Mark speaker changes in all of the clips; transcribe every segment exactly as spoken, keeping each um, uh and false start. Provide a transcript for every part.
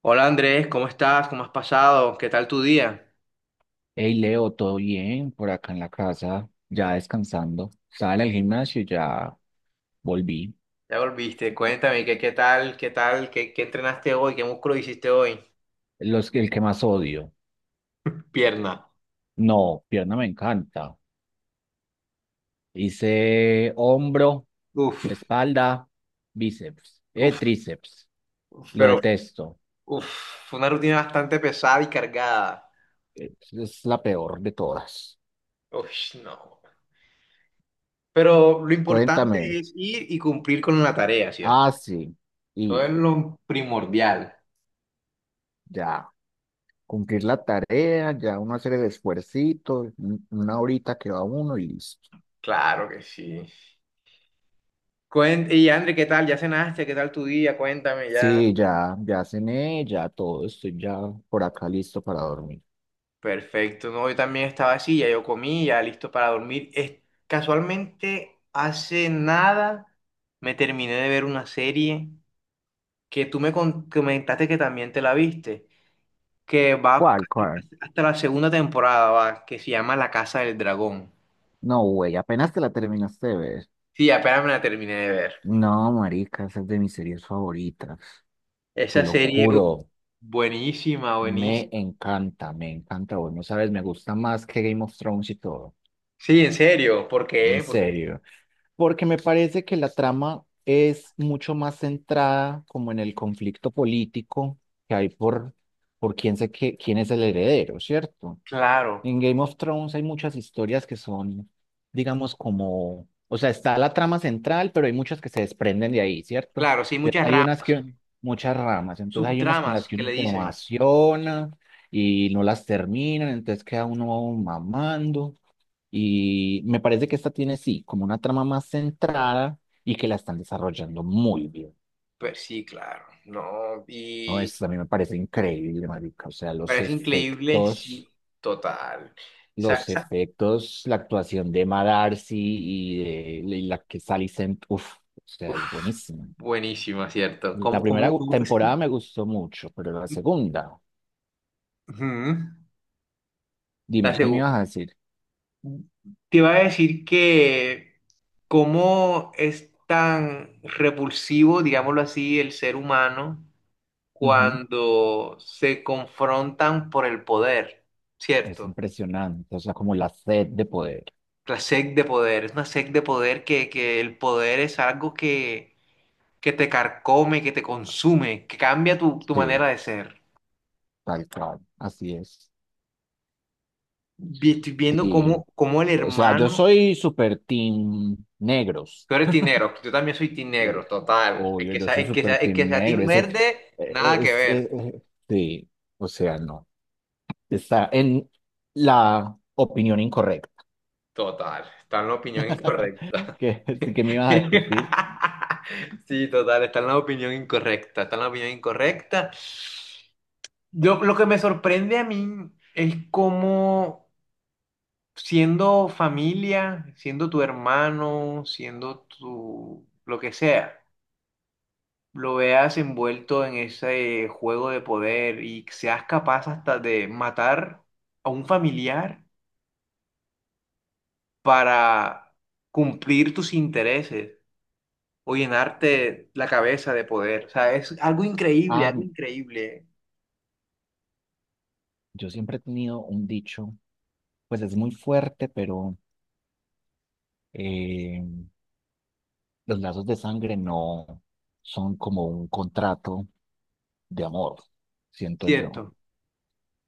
Speaker 1: Hola Andrés, ¿cómo estás? ¿Cómo has pasado? ¿Qué tal tu día?
Speaker 2: Hey Leo, ¿todo bien? Por acá en la casa, ya descansando. Estaba en el gimnasio y ya volví.
Speaker 1: Ya volviste, cuéntame, ¿qué, qué tal? ¿Qué tal? ¿Qué, qué entrenaste hoy? ¿Qué músculo hiciste hoy?
Speaker 2: Los, el que más odio.
Speaker 1: Pierna.
Speaker 2: No, pierna me encanta. Hice hombro,
Speaker 1: Uf,
Speaker 2: espalda, bíceps, eh,
Speaker 1: uf,
Speaker 2: tríceps. Lo
Speaker 1: pero
Speaker 2: detesto.
Speaker 1: uf, fue una rutina bastante pesada y cargada.
Speaker 2: Es, es la peor de todas.
Speaker 1: Uf, no. Pero lo importante
Speaker 2: Cuéntame.
Speaker 1: es ir y cumplir con la tarea, ¿cierto?
Speaker 2: Ah, sí.
Speaker 1: Todo es
Speaker 2: Ir,
Speaker 1: lo primordial.
Speaker 2: ya. Cumplir la tarea, ya uno hacer el esfuercito, un- una horita que va uno y listo.
Speaker 1: Claro que sí. Cuen- y Andrés, ¿qué tal? ¿Ya cenaste? ¿Qué tal tu día? Cuéntame ya.
Speaker 2: Sí, ya, ya cené, ya todo, estoy ya por acá listo para dormir.
Speaker 1: Perfecto, no, yo también estaba así, ya yo comí, ya listo para dormir. Es, casualmente, hace nada me terminé de ver una serie que tú me con- comentaste que también te la viste, que va
Speaker 2: ¿Cuál, cuál?
Speaker 1: hasta la segunda temporada, va, que se llama La Casa del Dragón.
Speaker 2: No, güey, apenas te la terminaste de ver.
Speaker 1: Sí, apenas me la terminé de ver.
Speaker 2: No, marica, esa es de mis series favoritas, te
Speaker 1: Esa
Speaker 2: lo
Speaker 1: serie, uf,
Speaker 2: juro,
Speaker 1: buenísima, buenísima.
Speaker 2: me encanta, me encanta, güey, no sabes, me gusta más que Game of Thrones y todo,
Speaker 1: Sí, en serio, ¿por
Speaker 2: en
Speaker 1: qué? Porque,
Speaker 2: serio, porque me parece que la trama es mucho más centrada como en el conflicto político que hay por, por quién, se, que- quién es el heredero, ¿cierto?
Speaker 1: claro,
Speaker 2: En Game of Thrones hay muchas historias que son, digamos, como, o sea, está la trama central, pero hay muchas que se desprenden de ahí, ¿cierto?
Speaker 1: claro, sí,
Speaker 2: Entonces,
Speaker 1: muchas
Speaker 2: hay
Speaker 1: ramas,
Speaker 2: unas que, muchas ramas, entonces hay unas con las
Speaker 1: subtramas
Speaker 2: que
Speaker 1: que
Speaker 2: uno
Speaker 1: le
Speaker 2: se
Speaker 1: dicen.
Speaker 2: emociona y no las terminan, entonces queda uno mamando. Y me parece que esta tiene, sí, como una trama más centrada y que la están desarrollando muy bien,
Speaker 1: Pues sí, claro, no,
Speaker 2: ¿no?
Speaker 1: y
Speaker 2: Eso a mí me parece increíble, marica, o sea, los
Speaker 1: parece increíble, sí,
Speaker 2: efectos.
Speaker 1: total. Sa-
Speaker 2: Los
Speaker 1: sa-
Speaker 2: efectos, la actuación de Emma Darcy y de y la que Sally Sent, uff, o sea, es
Speaker 1: Uf,
Speaker 2: buenísima.
Speaker 1: buenísima, ¿cierto?
Speaker 2: La
Speaker 1: ¿Cómo,
Speaker 2: primera
Speaker 1: cómo,
Speaker 2: gu-
Speaker 1: cómo? es?
Speaker 2: temporada
Speaker 1: Ujú.
Speaker 2: me gustó mucho, pero la segunda,
Speaker 1: La
Speaker 2: dime, ¿qué me
Speaker 1: segu-
Speaker 2: ibas a decir?
Speaker 1: Te iba a decir que cómo es tan repulsivo, digámoslo así, el ser humano
Speaker 2: Ujú.
Speaker 1: cuando se confrontan por el poder,
Speaker 2: Es
Speaker 1: ¿cierto?
Speaker 2: impresionante, o sea, como la sed de poder.
Speaker 1: La sed de poder, es una sed de poder que, que el poder es algo que que te carcome, que te consume, que cambia tu, tu
Speaker 2: Sí,
Speaker 1: manera de ser.
Speaker 2: tal cual, así es.
Speaker 1: Vi- Estoy viendo
Speaker 2: Sí,
Speaker 1: cómo, cómo el
Speaker 2: o sea, yo
Speaker 1: hermano,
Speaker 2: soy super team negros.
Speaker 1: tú eres tinegro, yo también soy tinegro,
Speaker 2: Uf,
Speaker 1: total. El
Speaker 2: obvio,
Speaker 1: que
Speaker 2: yo
Speaker 1: sea,
Speaker 2: soy
Speaker 1: el que sea,
Speaker 2: super
Speaker 1: el que
Speaker 2: team
Speaker 1: sea
Speaker 2: negro,
Speaker 1: tin
Speaker 2: ese,
Speaker 1: verde, nada que
Speaker 2: es, es, es- e,
Speaker 1: ver,
Speaker 2: e, sí, o sea, no. Está en la opinión incorrecta.
Speaker 1: total. Está en la opinión incorrecta.
Speaker 2: ¿Qué, qué me ibas a decir?
Speaker 1: Sí, total, está en la opinión incorrecta, está en la opinión incorrecta. Yo, lo que me sorprende a mí es cómo siendo familia, siendo tu hermano, siendo tu lo que sea, lo veas envuelto en ese juego de poder y seas capaz hasta de matar a un familiar para cumplir tus intereses o llenarte la cabeza de poder. O sea, es algo increíble,
Speaker 2: Ah,
Speaker 1: algo increíble.
Speaker 2: yo siempre he tenido un dicho, pues es muy fuerte, pero eh, los lazos de sangre no son como un contrato de amor, siento yo.
Speaker 1: Cierto.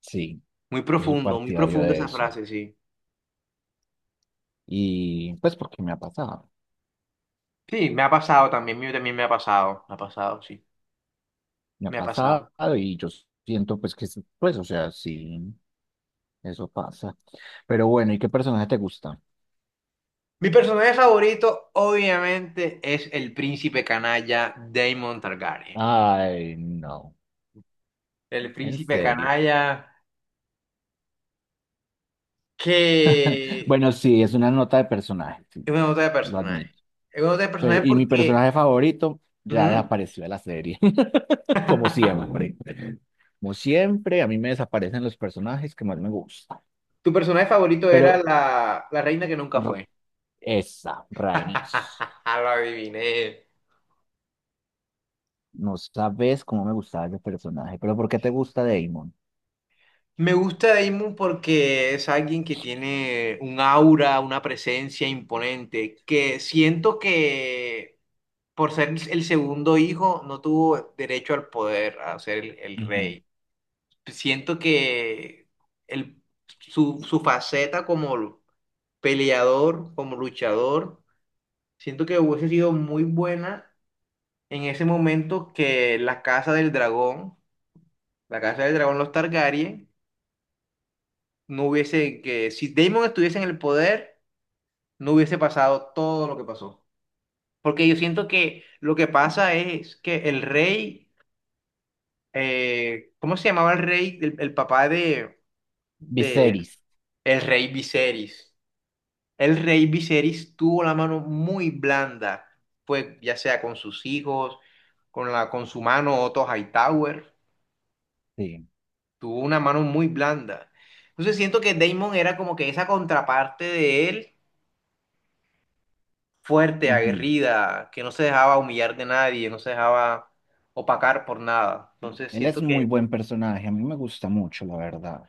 Speaker 2: Sí,
Speaker 1: Muy
Speaker 2: yo soy
Speaker 1: profundo, muy
Speaker 2: partidario
Speaker 1: profundo
Speaker 2: de
Speaker 1: esa
Speaker 2: eso.
Speaker 1: frase, sí.
Speaker 2: Y pues porque me ha pasado.
Speaker 1: Sí, me ha pasado también, mío también me ha pasado, me ha pasado, sí,
Speaker 2: Me ha
Speaker 1: me ha
Speaker 2: pasado
Speaker 1: pasado.
Speaker 2: y yo siento pues que, sí, pues, o sea, sí, eso pasa. Pero bueno, ¿y qué personaje te gusta?
Speaker 1: Mi personaje favorito, obviamente, es el príncipe canalla Daemon Targaryen.
Speaker 2: Ay, no,
Speaker 1: El
Speaker 2: en
Speaker 1: príncipe
Speaker 2: serio.
Speaker 1: canalla que
Speaker 2: Bueno, sí, es una nota de personaje, sí,
Speaker 1: es una nota de
Speaker 2: lo
Speaker 1: personaje.
Speaker 2: admito.
Speaker 1: Es una nota de
Speaker 2: Pero-
Speaker 1: personaje
Speaker 2: y mi personaje
Speaker 1: porque
Speaker 2: favorito ya
Speaker 1: ujú,
Speaker 2: desapareció de la serie, como siempre. Como siempre, a mí me desaparecen los personajes que más me gustan.
Speaker 1: tu personaje favorito era
Speaker 2: Pero
Speaker 1: la, la reina que nunca
Speaker 2: r-
Speaker 1: fue.
Speaker 2: esa, Rhaenys.
Speaker 1: Lo adiviné.
Speaker 2: No sabes cómo me gustaba ese personaje, pero ¿por qué te gusta Damon?
Speaker 1: Me gusta Daemon porque es alguien que tiene un aura, una presencia imponente, que siento que por ser el segundo hijo, no tuvo derecho al poder, a ser el, el
Speaker 2: Ujú.
Speaker 1: rey. Siento que el, su, su faceta como peleador, como luchador, siento que hubiese sido muy buena en ese momento que la Casa del Dragón, la Casa del Dragón, los Targaryen, no hubiese, que si Daemon estuviese en el poder, no hubiese pasado todo lo que pasó. Porque yo siento que lo que pasa es que el rey eh, ¿cómo se llamaba el rey, el, el papá de, de
Speaker 2: Viserys,
Speaker 1: el rey Viserys? El rey Viserys tuvo la mano muy blanda, pues ya sea con sus hijos, con la, con su mano Otto Hightower,
Speaker 2: sí.
Speaker 1: tuvo una mano muy blanda. Entonces siento que Daemon era como que esa contraparte de él, fuerte,
Speaker 2: Ujú.
Speaker 1: aguerrida, que no se dejaba humillar de nadie, no se dejaba opacar por nada. Entonces
Speaker 2: Él
Speaker 1: siento
Speaker 2: es muy
Speaker 1: que
Speaker 2: buen personaje, a mí me gusta mucho, la verdad.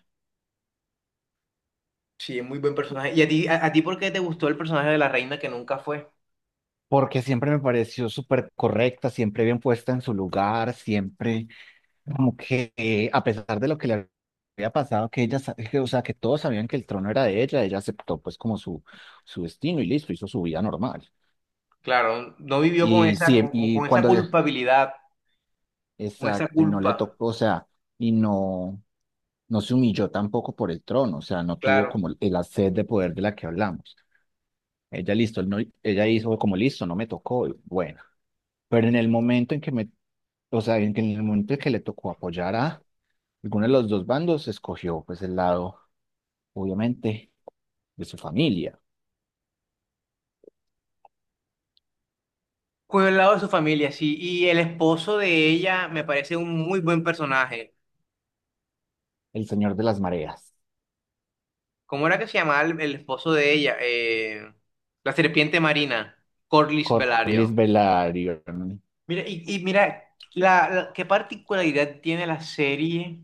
Speaker 1: sí, es muy buen personaje. ¿Y a ti, a, a ti por qué te gustó el personaje de la reina que nunca fue?
Speaker 2: Porque siempre me pareció súper correcta, siempre bien puesta en su lugar, siempre como que eh, a pesar de lo que le había pasado, que ella, sa- que, o sea, que todos sabían que el trono era de ella, ella aceptó pues como su, su destino y listo, hizo su vida normal.
Speaker 1: Claro, no vivió con
Speaker 2: Y
Speaker 1: esa,
Speaker 2: sí,
Speaker 1: con,
Speaker 2: y
Speaker 1: con- esa
Speaker 2: cuando le,
Speaker 1: culpabilidad, con esa
Speaker 2: exacto, y no le
Speaker 1: culpa,
Speaker 2: tocó, o sea, y no. No se humilló tampoco por el trono, o sea, no tuvo
Speaker 1: claro.
Speaker 2: como la sed de poder de la que hablamos. Ella listo, no, ella hizo como listo, no me tocó, y bueno, pero en el momento en que me, o sea, en que- en el momento en que le tocó apoyar a alguno de los dos bandos, escogió pues el lado, obviamente, de su familia,
Speaker 1: Con el lado de su familia, sí. Y el esposo de ella me parece un muy buen personaje.
Speaker 2: el señor de las mareas,
Speaker 1: ¿Cómo era que se llamaba el, el esposo de ella? Eh, la serpiente marina, Corlys
Speaker 2: Corlys
Speaker 1: Velario.
Speaker 2: Velaryon.
Speaker 1: Mira, y, y mira, la, la- ¿qué particularidad tiene la serie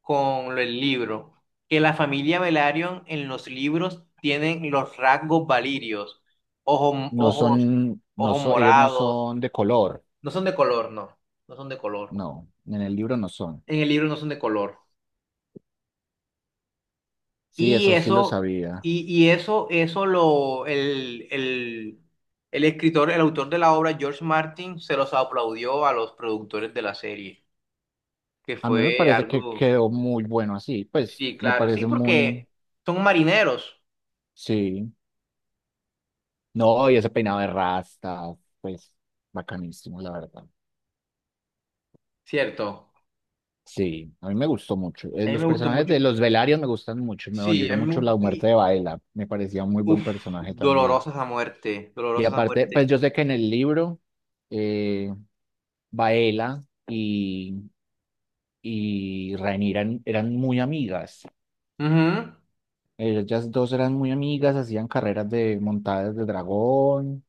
Speaker 1: con el libro? Que la familia Velaryon en los libros tienen los rasgos valirios, ojos,
Speaker 2: No
Speaker 1: ojos,
Speaker 2: son, no
Speaker 1: ojos
Speaker 2: son, ellos no
Speaker 1: morados,
Speaker 2: son de color,
Speaker 1: no son de color, no, no son de color.
Speaker 2: no, en el libro no son.
Speaker 1: En el libro no son de color.
Speaker 2: Sí,
Speaker 1: Y
Speaker 2: eso sí lo
Speaker 1: eso,
Speaker 2: sabía.
Speaker 1: y, y eso, eso lo, el, el, el escritor, el autor de la obra, George Martin, se los aplaudió a los productores de la serie, que
Speaker 2: A mí me
Speaker 1: fue
Speaker 2: parece que
Speaker 1: algo...
Speaker 2: quedó muy bueno así, pues
Speaker 1: Sí,
Speaker 2: me
Speaker 1: claro, sí,
Speaker 2: parece muy,
Speaker 1: porque son marineros,
Speaker 2: sí. No, y ese peinado de rasta, pues bacanísimo, la verdad.
Speaker 1: ¿cierto?
Speaker 2: Sí, a mí me gustó mucho. Eh,
Speaker 1: A mí
Speaker 2: Los
Speaker 1: me gustó
Speaker 2: personajes
Speaker 1: mucho.
Speaker 2: de los Velarios me gustan mucho. Me
Speaker 1: Sí,
Speaker 2: dolió
Speaker 1: a mí me
Speaker 2: mucho la
Speaker 1: gustó.
Speaker 2: muerte
Speaker 1: Y,
Speaker 2: de Baela. Me parecía un muy buen
Speaker 1: uf,
Speaker 2: personaje también.
Speaker 1: dolorosas a muerte,
Speaker 2: Y
Speaker 1: dolorosas a
Speaker 2: aparte, pues
Speaker 1: muerte.
Speaker 2: yo sé que en el libro, eh, Baela y, y Rhaenyra eran, eran muy amigas.
Speaker 1: Ujú,
Speaker 2: Ellas dos eran muy amigas, hacían carreras de montadas de dragón,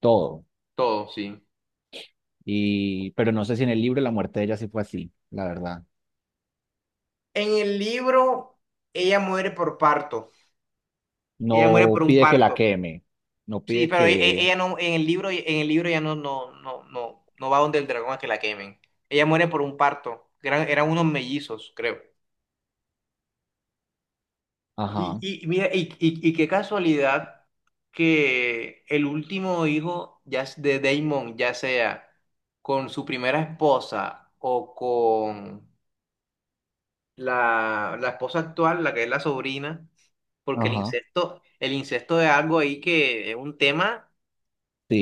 Speaker 2: todo.
Speaker 1: todo, sí.
Speaker 2: Y, pero no sé si en el libro la muerte de ella sí fue así, la verdad.
Speaker 1: En el libro, ella muere por parto. Ella muere
Speaker 2: No
Speaker 1: por un
Speaker 2: pide que la
Speaker 1: parto.
Speaker 2: queme, no
Speaker 1: Sí,
Speaker 2: pide
Speaker 1: pero e- e-
Speaker 2: que...
Speaker 1: ella no, en el libro, en el libro ya no, no, no, no, no va donde el dragón a que la quemen. Ella muere por un parto. Eran, eran unos mellizos, creo. Y,
Speaker 2: Ajá,
Speaker 1: y mira, y, y- y qué casualidad que el último hijo ya s- de Damon, ya sea con su primera esposa o con la, la esposa actual, la que es la sobrina, porque el
Speaker 2: ajá,
Speaker 1: incesto, el incesto es algo ahí que es un tema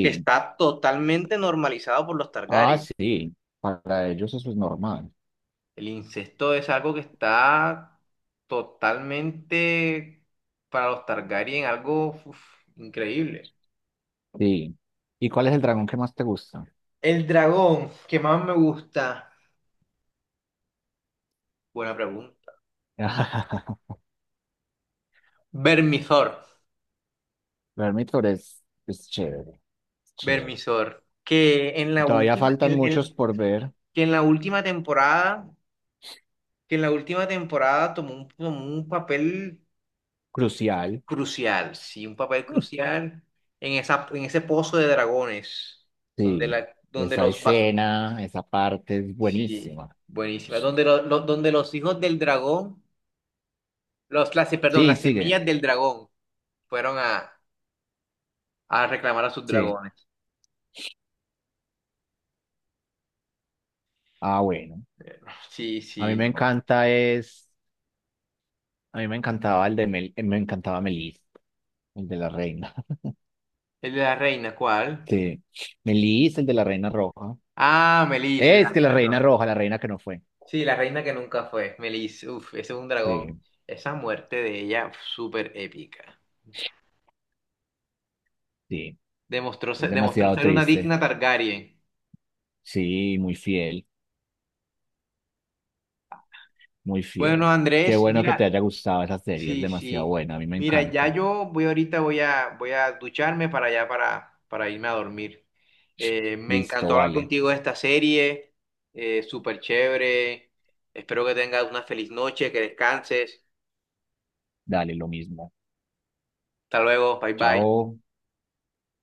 Speaker 1: que está totalmente normalizado por los
Speaker 2: Ah,
Speaker 1: Targaryen.
Speaker 2: sí, para ellos eso es normal,
Speaker 1: El incesto es algo que está totalmente para los Targaryen, algo uf, increíble.
Speaker 2: sí. ¿Y cuál es el dragón que más te gusta?
Speaker 1: El dragón que más me gusta. Buena pregunta. Vermisor.
Speaker 2: Vermithor es, es chévere, es chévere.
Speaker 1: Vermisor. Que en la
Speaker 2: Todavía
Speaker 1: última,
Speaker 2: faltan
Speaker 1: el-
Speaker 2: muchos
Speaker 1: el-
Speaker 2: por ver,
Speaker 1: que en la última temporada, que en la última temporada tomó un, tomó un papel
Speaker 2: crucial.
Speaker 1: crucial. Sí, un papel crucial en esa, en ese pozo de dragones. Donde
Speaker 2: Sí,
Speaker 1: la, donde
Speaker 2: esa
Speaker 1: los va-
Speaker 2: escena, esa parte es
Speaker 1: sí,
Speaker 2: buenísima.
Speaker 1: buenísima. Donde lo- lo- donde los hijos del dragón, los, las, perdón,
Speaker 2: Sí,
Speaker 1: las
Speaker 2: sigue,
Speaker 1: semillas del dragón fueron a, a reclamar a sus
Speaker 2: sí.
Speaker 1: dragones.
Speaker 2: Ah, bueno,
Speaker 1: Sí,
Speaker 2: a mí
Speaker 1: sí,
Speaker 2: me
Speaker 1: no.
Speaker 2: encanta es... A mí me encantaba el de Mel, eh, me encantaba Melis, el de la reina.
Speaker 1: El de la reina, ¿cuál?
Speaker 2: Sí. Melis, el de la reina roja.
Speaker 1: Ah, Melis, la
Speaker 2: Es que la
Speaker 1: reina
Speaker 2: reina
Speaker 1: roja.
Speaker 2: roja, la reina que no fue.
Speaker 1: Sí, la reina que nunca fue. Melis, uff, ese es un dragón.
Speaker 2: Sí,
Speaker 1: Esa muerte de ella, uf, súper épica.
Speaker 2: sí.
Speaker 1: Demostró
Speaker 2: Es
Speaker 1: ser, demostró
Speaker 2: demasiado
Speaker 1: ser una
Speaker 2: triste.
Speaker 1: digna Targaryen.
Speaker 2: Sí, muy fiel, muy
Speaker 1: Bueno,
Speaker 2: fiel. Qué
Speaker 1: Andrés,
Speaker 2: bueno que te
Speaker 1: mira,
Speaker 2: haya gustado esa serie, es
Speaker 1: sí,
Speaker 2: demasiado
Speaker 1: sí.
Speaker 2: buena, a mí me
Speaker 1: Mira, ya
Speaker 2: encanta.
Speaker 1: yo voy ahorita, voy a, voy a ducharme para allá, para, para irme a dormir. Eh, me
Speaker 2: Listo,
Speaker 1: encantó hablar
Speaker 2: vale.
Speaker 1: contigo de esta serie, eh, súper chévere. Espero que tengas una feliz noche, que descanses.
Speaker 2: Dale, lo mismo.
Speaker 1: Hasta luego, bye bye.
Speaker 2: Chao.